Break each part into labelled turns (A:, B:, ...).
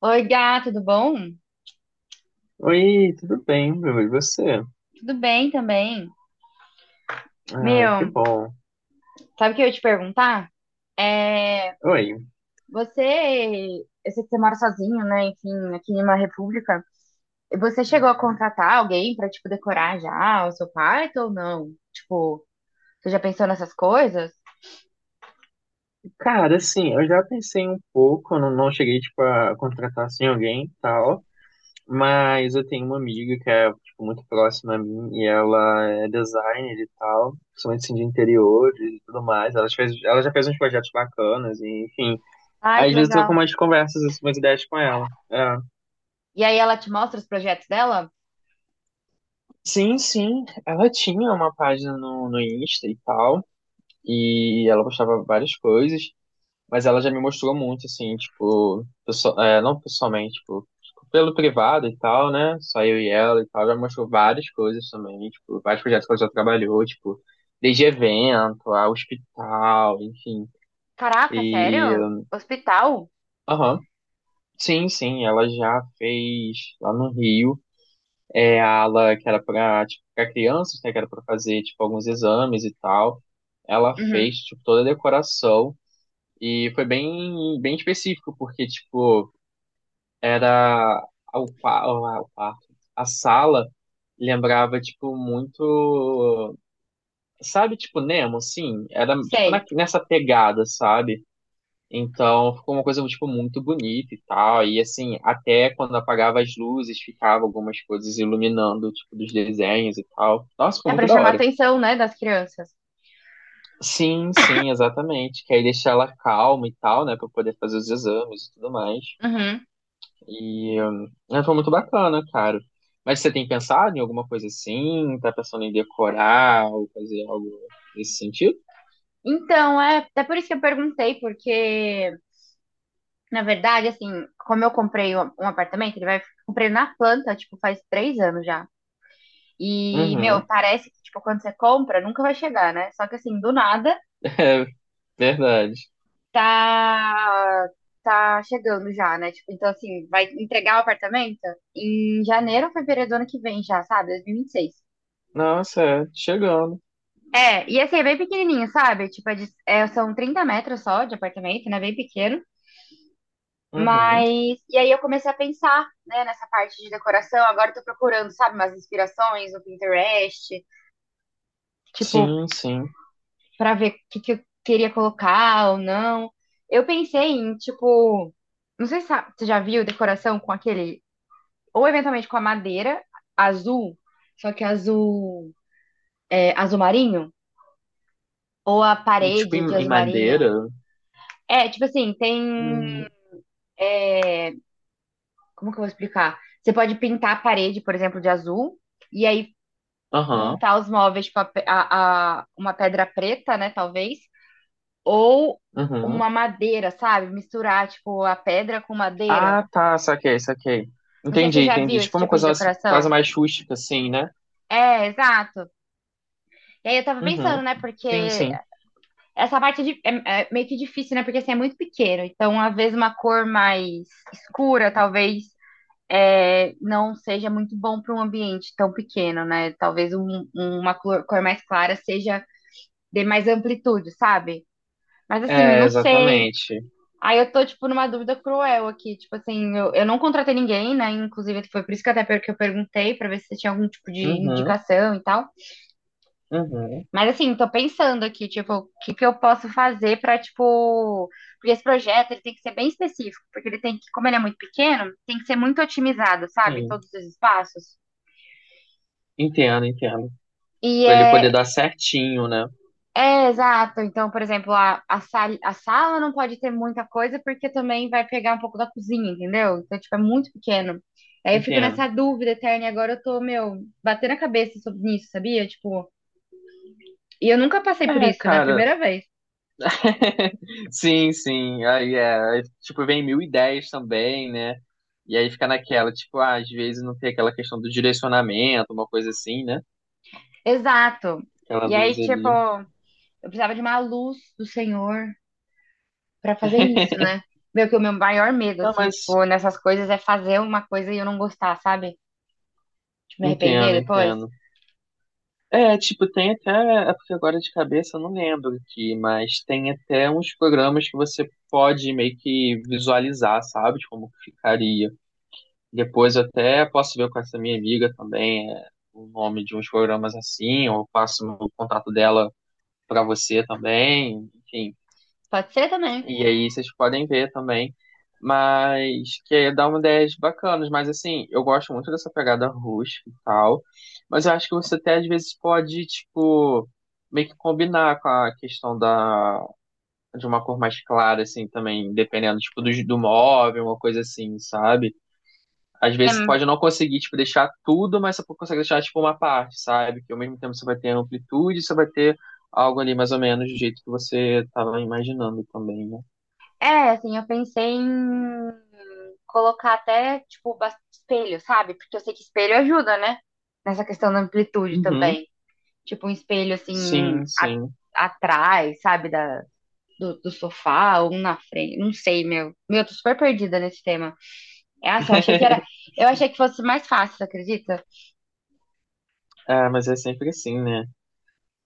A: Oi, Gá, tudo bom?
B: Oi, tudo bem, meu. E você?
A: Tudo bem também.
B: Ah, que
A: Meu,
B: bom.
A: sabe o que eu ia te perguntar?
B: Oi,
A: Você, eu sei que você mora sozinho, né? Enfim, aqui em uma república. Você chegou a contratar alguém pra, tipo, decorar já o seu quarto ou não? Tipo, você já pensou nessas coisas?
B: cara, assim, eu já pensei um pouco, eu não, não cheguei, tipo, a contratar, assim, alguém e tal, mas eu tenho uma amiga que é, tipo, muito próxima a mim e ela é designer e tal, principalmente, assim, de interiores e tudo mais. Ela já fez uns projetos bacanas e, enfim,
A: Ai,
B: aí,
A: que
B: às vezes eu
A: legal.
B: troco umas conversas, assim, umas ideias com ela. É.
A: E aí ela te mostra os projetos dela?
B: Sim, sim, ela tinha uma página no Insta e tal, e ela postava várias coisas, mas ela já me mostrou muito, assim, tipo, é, não pessoalmente, tipo, pelo privado e tal, né? Só eu e ela e tal, já me mostrou várias coisas também, tipo, vários projetos que ela já trabalhou, tipo, desde evento, a hospital, enfim.
A: Caraca,
B: E,
A: sério? Hospital?
B: aham, sim, sim, ela já fez lá no Rio, é, a ala que era pra, tipo, pra crianças, né? Que era pra fazer, tipo, alguns exames e tal. Ela fez,
A: Uhum,
B: tipo, toda a decoração. E foi bem, bem específico, porque, tipo, era o quarto, a sala lembrava, tipo, muito, sabe, tipo, Nemo, assim, era, tipo, na,
A: sei.
B: nessa pegada, sabe? Então, ficou uma coisa, tipo, muito bonita e tal, e, assim, até quando apagava as luzes, ficava algumas coisas iluminando, tipo, dos desenhos e tal. Nossa, ficou
A: É pra
B: muito da
A: chamar a
B: hora.
A: atenção, né, das crianças.
B: Sim, sim, exatamente, que aí deixar ela calma e tal, né, pra poder fazer os exames e tudo mais.
A: Uhum.
B: E é, foi muito bacana, cara. Mas você tem pensado em alguma coisa assim? Tá pensando em decorar ou fazer algo nesse sentido?
A: Então, é, é por isso que eu perguntei, porque na verdade, assim, como eu comprei um apartamento, ele vai. Comprei na planta, tipo, faz 3 anos já. E, meu,
B: Uhum,
A: parece que, tipo, quando você compra, nunca vai chegar, né? Só que, assim, do nada,
B: é verdade.
A: tá. Tá chegando já, né? Tipo, então, assim, vai entregar o apartamento em janeiro ou fevereiro do ano que vem já, sabe? 2026.
B: Nossa, é, chegando.
A: É, e assim, é bem pequenininho, sabe? Tipo, é, são 30 metros só de apartamento, né? Bem pequeno.
B: Uhum,
A: Mas, e aí eu comecei a pensar, né, nessa parte de decoração. Agora eu tô procurando, sabe, umas inspirações no Pinterest, tipo,
B: sim, sim.
A: pra ver o que que eu queria colocar ou não. Eu pensei em, tipo, não sei se você já viu decoração com aquele, ou eventualmente com a madeira azul, só que azul, é, azul marinho, ou a
B: Tipo
A: parede de
B: em
A: azul marinho.
B: madeira?
A: É, tipo assim, tem,
B: Hum,
A: como que eu vou explicar? Você pode pintar a parede, por exemplo, de azul, e aí
B: Aham,
A: montar os móveis, tipo, uma pedra preta, né, talvez, ou
B: uhum,
A: uma madeira, sabe? Misturar, tipo, a pedra com madeira.
B: ah, tá, saquei, saquei.
A: Não sei se
B: Entendi,
A: você já
B: entendi.
A: viu esse
B: Tipo uma
A: tipo de
B: coisa assim, quase
A: decoração.
B: mais rústica assim, né?
A: É, exato. E aí eu tava
B: Uhum,
A: pensando, né,
B: sim,
A: porque
B: sim.
A: essa parte é, é meio que difícil, né, porque assim, é muito pequeno. Então, às vezes, uma cor mais escura, talvez, é, não seja muito bom para um ambiente tão pequeno, né? Talvez um, cor mais clara seja, dê mais amplitude, sabe? Mas assim,
B: É,
A: não sei.
B: exatamente.
A: Aí eu tô, tipo, numa dúvida cruel aqui. Tipo assim, eu não contratei ninguém, né? Inclusive, foi por isso que até que eu perguntei pra ver se tinha algum tipo de
B: Uhum,
A: indicação e tal.
B: uhum,
A: Mas assim, tô pensando aqui, tipo, o que que eu posso fazer pra, tipo. Porque esse projeto ele tem que ser bem específico, porque ele tem que, como ele é muito pequeno, tem que ser muito otimizado, sabe?
B: sim.
A: Todos os espaços.
B: Entendo, entendo.
A: E
B: Pra ele poder
A: é,
B: dar certinho, né?
A: é, exato. Então, por exemplo, a sala não pode ter muita coisa porque também vai pegar um pouco da cozinha, entendeu? Então, tipo, é muito pequeno. Aí eu fico
B: Entendo.
A: nessa dúvida eterna e agora eu tô, meu, batendo a cabeça sobre isso, sabia? Tipo, e eu nunca passei por
B: É,
A: isso, né?
B: cara.
A: Primeira vez.
B: Sim, sim. Aí é. Aí, tipo, vem mil ideias também, né? E aí fica naquela, tipo, ah, às vezes não tem aquela questão do direcionamento, uma coisa assim, né?
A: Exato.
B: Aquela
A: E aí,
B: luz
A: tipo,
B: ali.
A: eu precisava de uma luz do Senhor pra fazer isso, né? Meu, que o meu maior medo,
B: Não,
A: assim,
B: mas
A: tipo, nessas coisas é fazer uma coisa e eu não gostar, sabe? Tipo, me arrepender
B: entendo,
A: depois.
B: entendo. É, tipo, tem até, é porque agora de cabeça eu não lembro aqui, mas tem até uns programas que você pode meio que visualizar, sabe? De como que ficaria. Depois eu até posso ver com essa minha amiga também é, o nome de uns programas assim, ou eu passo o contato dela para você também, enfim.
A: Pode ser também.
B: E aí vocês podem ver também. Mas que dá uma ideias bacanas, mas assim, eu gosto muito dessa pegada rústica e tal. Mas eu acho que você até às vezes pode, tipo, meio que combinar com a questão da, de uma cor mais clara, assim, também, dependendo, tipo, do móvel, uma coisa assim, sabe? Às
A: É,
B: vezes você pode não conseguir, tipo, deixar tudo, mas você consegue deixar, tipo, uma parte, sabe? Que ao mesmo tempo você vai ter amplitude, você vai ter algo ali mais ou menos do jeito que você estava imaginando também, né?
A: é, assim, eu pensei em colocar até, tipo, espelho, sabe? Porque eu sei que espelho ajuda, né? Nessa questão da amplitude
B: Uhum.
A: também. Tipo, um espelho, assim,
B: Sim,
A: a-
B: sim.
A: atrás, sabe? Do, sofá, ou um na frente. Não sei, meu. Meu, eu tô super perdida nesse tema. Nossa, eu achei que era. Eu achei que fosse mais fácil, você acredita?
B: Ah, mas é sempre assim, né?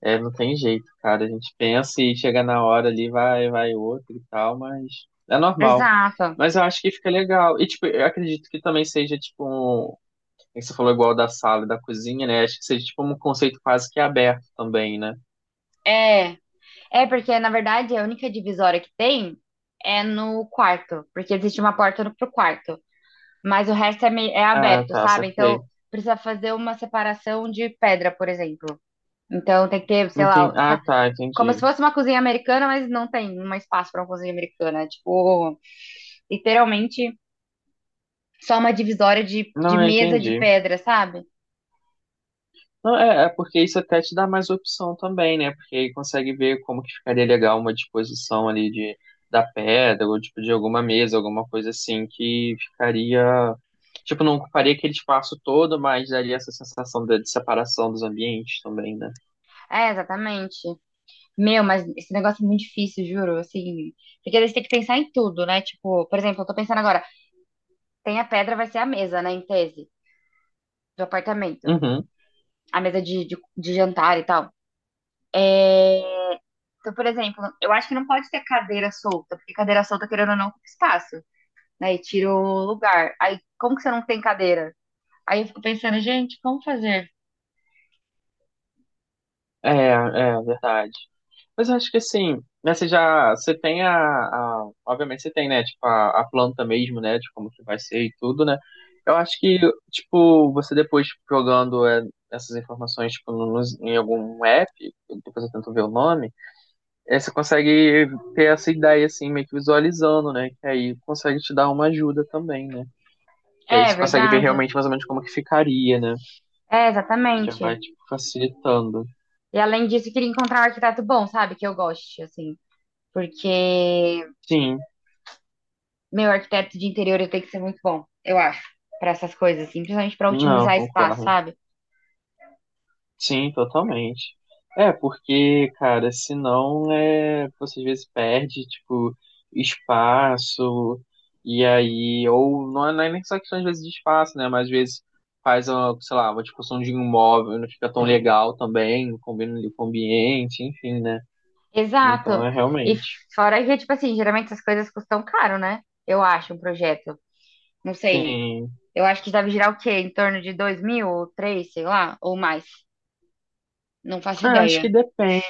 B: É, não tem jeito, cara. A gente pensa e chega na hora ali, vai, vai outro e tal, mas é normal.
A: Exato.
B: Mas eu acho que fica legal. E, tipo, eu acredito que também seja, tipo, um... é que você falou igual da sala e da cozinha, né? Acho que seja, tipo, um conceito quase que aberto também, né?
A: É. É, porque, na verdade, a única divisória que tem é no quarto. Porque existe uma porta pro quarto. Mas o resto é, é
B: Ah,
A: aberto,
B: tá,
A: sabe?
B: saquei.
A: Então precisa fazer uma separação de pedra, por exemplo. Então tem que ter, sei
B: Entendi.
A: lá,
B: Ah, tá,
A: como se
B: entendi.
A: fosse uma cozinha americana, mas não tem um espaço para uma cozinha americana. É, tipo, literalmente só uma divisória de
B: Não, eu
A: mesa de
B: entendi.
A: pedra, sabe?
B: Não, é porque isso até te dá mais opção também, né? Porque aí consegue ver como que ficaria legal uma disposição ali da pedra, ou tipo de alguma mesa, alguma coisa assim, que ficaria. Tipo, não ocuparia aquele espaço todo, mas daria essa sensação de separação dos ambientes também, né?
A: É, exatamente. Meu, mas esse negócio é muito difícil, juro. Assim, porque eles têm que pensar em tudo, né? Tipo, por exemplo, eu tô pensando agora, tem a pedra, vai ser a mesa, né, em tese, do apartamento.
B: Uhum.
A: A mesa de, de jantar e tal. É, então, por exemplo, eu acho que não pode ter cadeira solta, porque cadeira solta, querendo ou não, ocupa espaço, né? E tira o lugar. Aí, como que você não tem cadeira? Aí eu fico pensando, gente, como fazer?
B: É verdade. Mas eu acho que assim, né, você tem obviamente você tem, né, tipo, a planta mesmo, né, de como que vai ser e tudo, né, eu acho que, tipo, você depois tipo, jogando é, essas informações, tipo, em algum app, depois eu tento ver o nome, é, você consegue ter essa ideia, assim, meio que visualizando, né, que aí consegue te dar uma ajuda também, né, que aí
A: É
B: você consegue ver
A: verdade.
B: realmente mais ou menos como que ficaria, né,
A: É,
B: já
A: exatamente.
B: vai, tipo, facilitando.
A: E além disso, eu queria encontrar um arquiteto bom, sabe? Que eu goste, assim. Porque
B: Sim,
A: meu arquiteto de interior ele tem que ser muito bom, eu acho, para essas coisas, assim, principalmente para
B: não,
A: otimizar espaço,
B: concordo.
A: sabe?
B: Sim, totalmente. É, porque, cara, senão é, você às vezes perde, tipo, espaço, e aí, ou não é, nem só questão às vezes de espaço, né? Mas às vezes faz uma, sei lá, uma discussão de um imóvel, não fica tão legal também, combina ali com o ambiente, enfim, né? Então
A: Exato.
B: é
A: E
B: realmente.
A: fora que, tipo assim, geralmente essas coisas custam caro, né? Eu acho, um projeto. Não sei.
B: Sim.
A: Eu acho que deve girar o quê? Em torno de 2.000 ou 3, sei lá, ou mais. Não faço
B: É, acho que
A: ideia.
B: depende.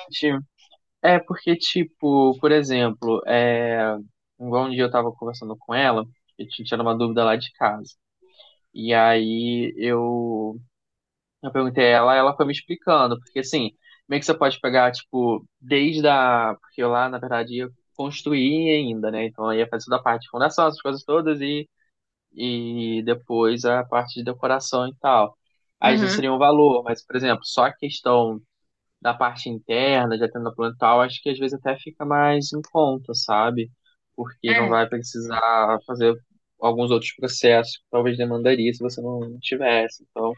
B: É, porque, tipo, por exemplo, é, igual um dia eu tava conversando com ela, a gente tinha uma dúvida lá de casa. E aí eu perguntei a ela, ela foi me explicando, porque assim, meio que você pode pegar, tipo, desde a. Porque eu lá, na verdade, ia construir ainda, né? Então eu ia fazer toda a parte de fundação, essas coisas todas, e depois a parte de decoração e tal. Aí já
A: Uhum.
B: seria um valor, mas, por exemplo, só a questão da parte interna, de atendendo plantal, acho que às vezes até fica mais em conta, sabe? Porque não
A: É.
B: vai precisar fazer alguns outros processos que talvez demandaria se você não tivesse. Então,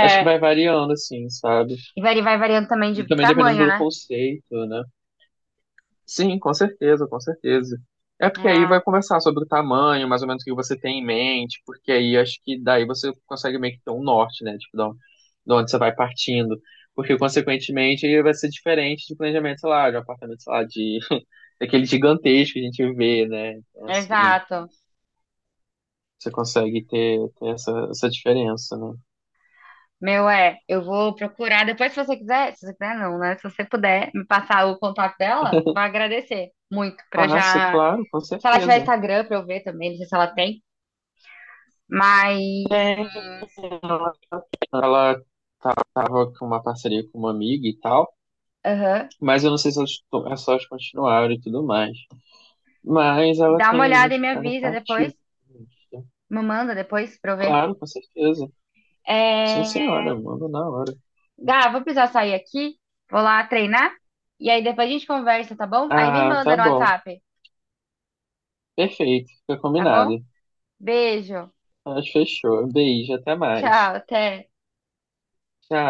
B: acho que vai variando, assim, sabe?
A: e vai variando também
B: E
A: de
B: também dependendo
A: tamanho,
B: do
A: né?
B: conceito, né? Sim, com certeza, com certeza. É porque aí
A: Ah,
B: vai conversar sobre o tamanho, mais ou menos o que você tem em mente, porque aí acho que daí você consegue meio que ter um norte, né? Tipo, de onde você vai partindo. Porque, consequentemente, ele vai ser diferente de planejamento, sei lá, de um apartamento, sei lá, de daquele gigantesco que a gente vê, né? Então, assim,
A: exato.
B: você consegue ter, essa diferença, né?
A: Meu, é, eu vou procurar. Depois, se você quiser, Se você puder me passar o contato dela, vou agradecer muito. Pra eu
B: Passo,
A: já.
B: claro, com
A: Se ela tiver
B: certeza.
A: Instagram, pra eu ver também, não sei se ela tem. Mas.
B: Tem. Ela tava com uma parceria com uma amiga e tal.
A: Aham.
B: Mas eu não sei se elas, se elas continuaram e tudo mais. Mas ela
A: Dá uma
B: tem ainda
A: olhada e me
B: estado
A: avisa
B: tá
A: depois.
B: ativa.
A: Me manda depois pra eu ver.
B: Claro, com certeza. Sim,
A: É...
B: senhora, manda na hora.
A: Gá, vou precisar sair aqui, vou lá treinar, e aí depois a gente conversa, tá bom? Aí me
B: Ah,
A: manda
B: tá
A: no
B: bom.
A: WhatsApp,
B: Perfeito, fica
A: tá
B: combinado.
A: bom? Beijo,
B: Mas fechou. Beijo, até mais.
A: tchau, até.
B: Tchau.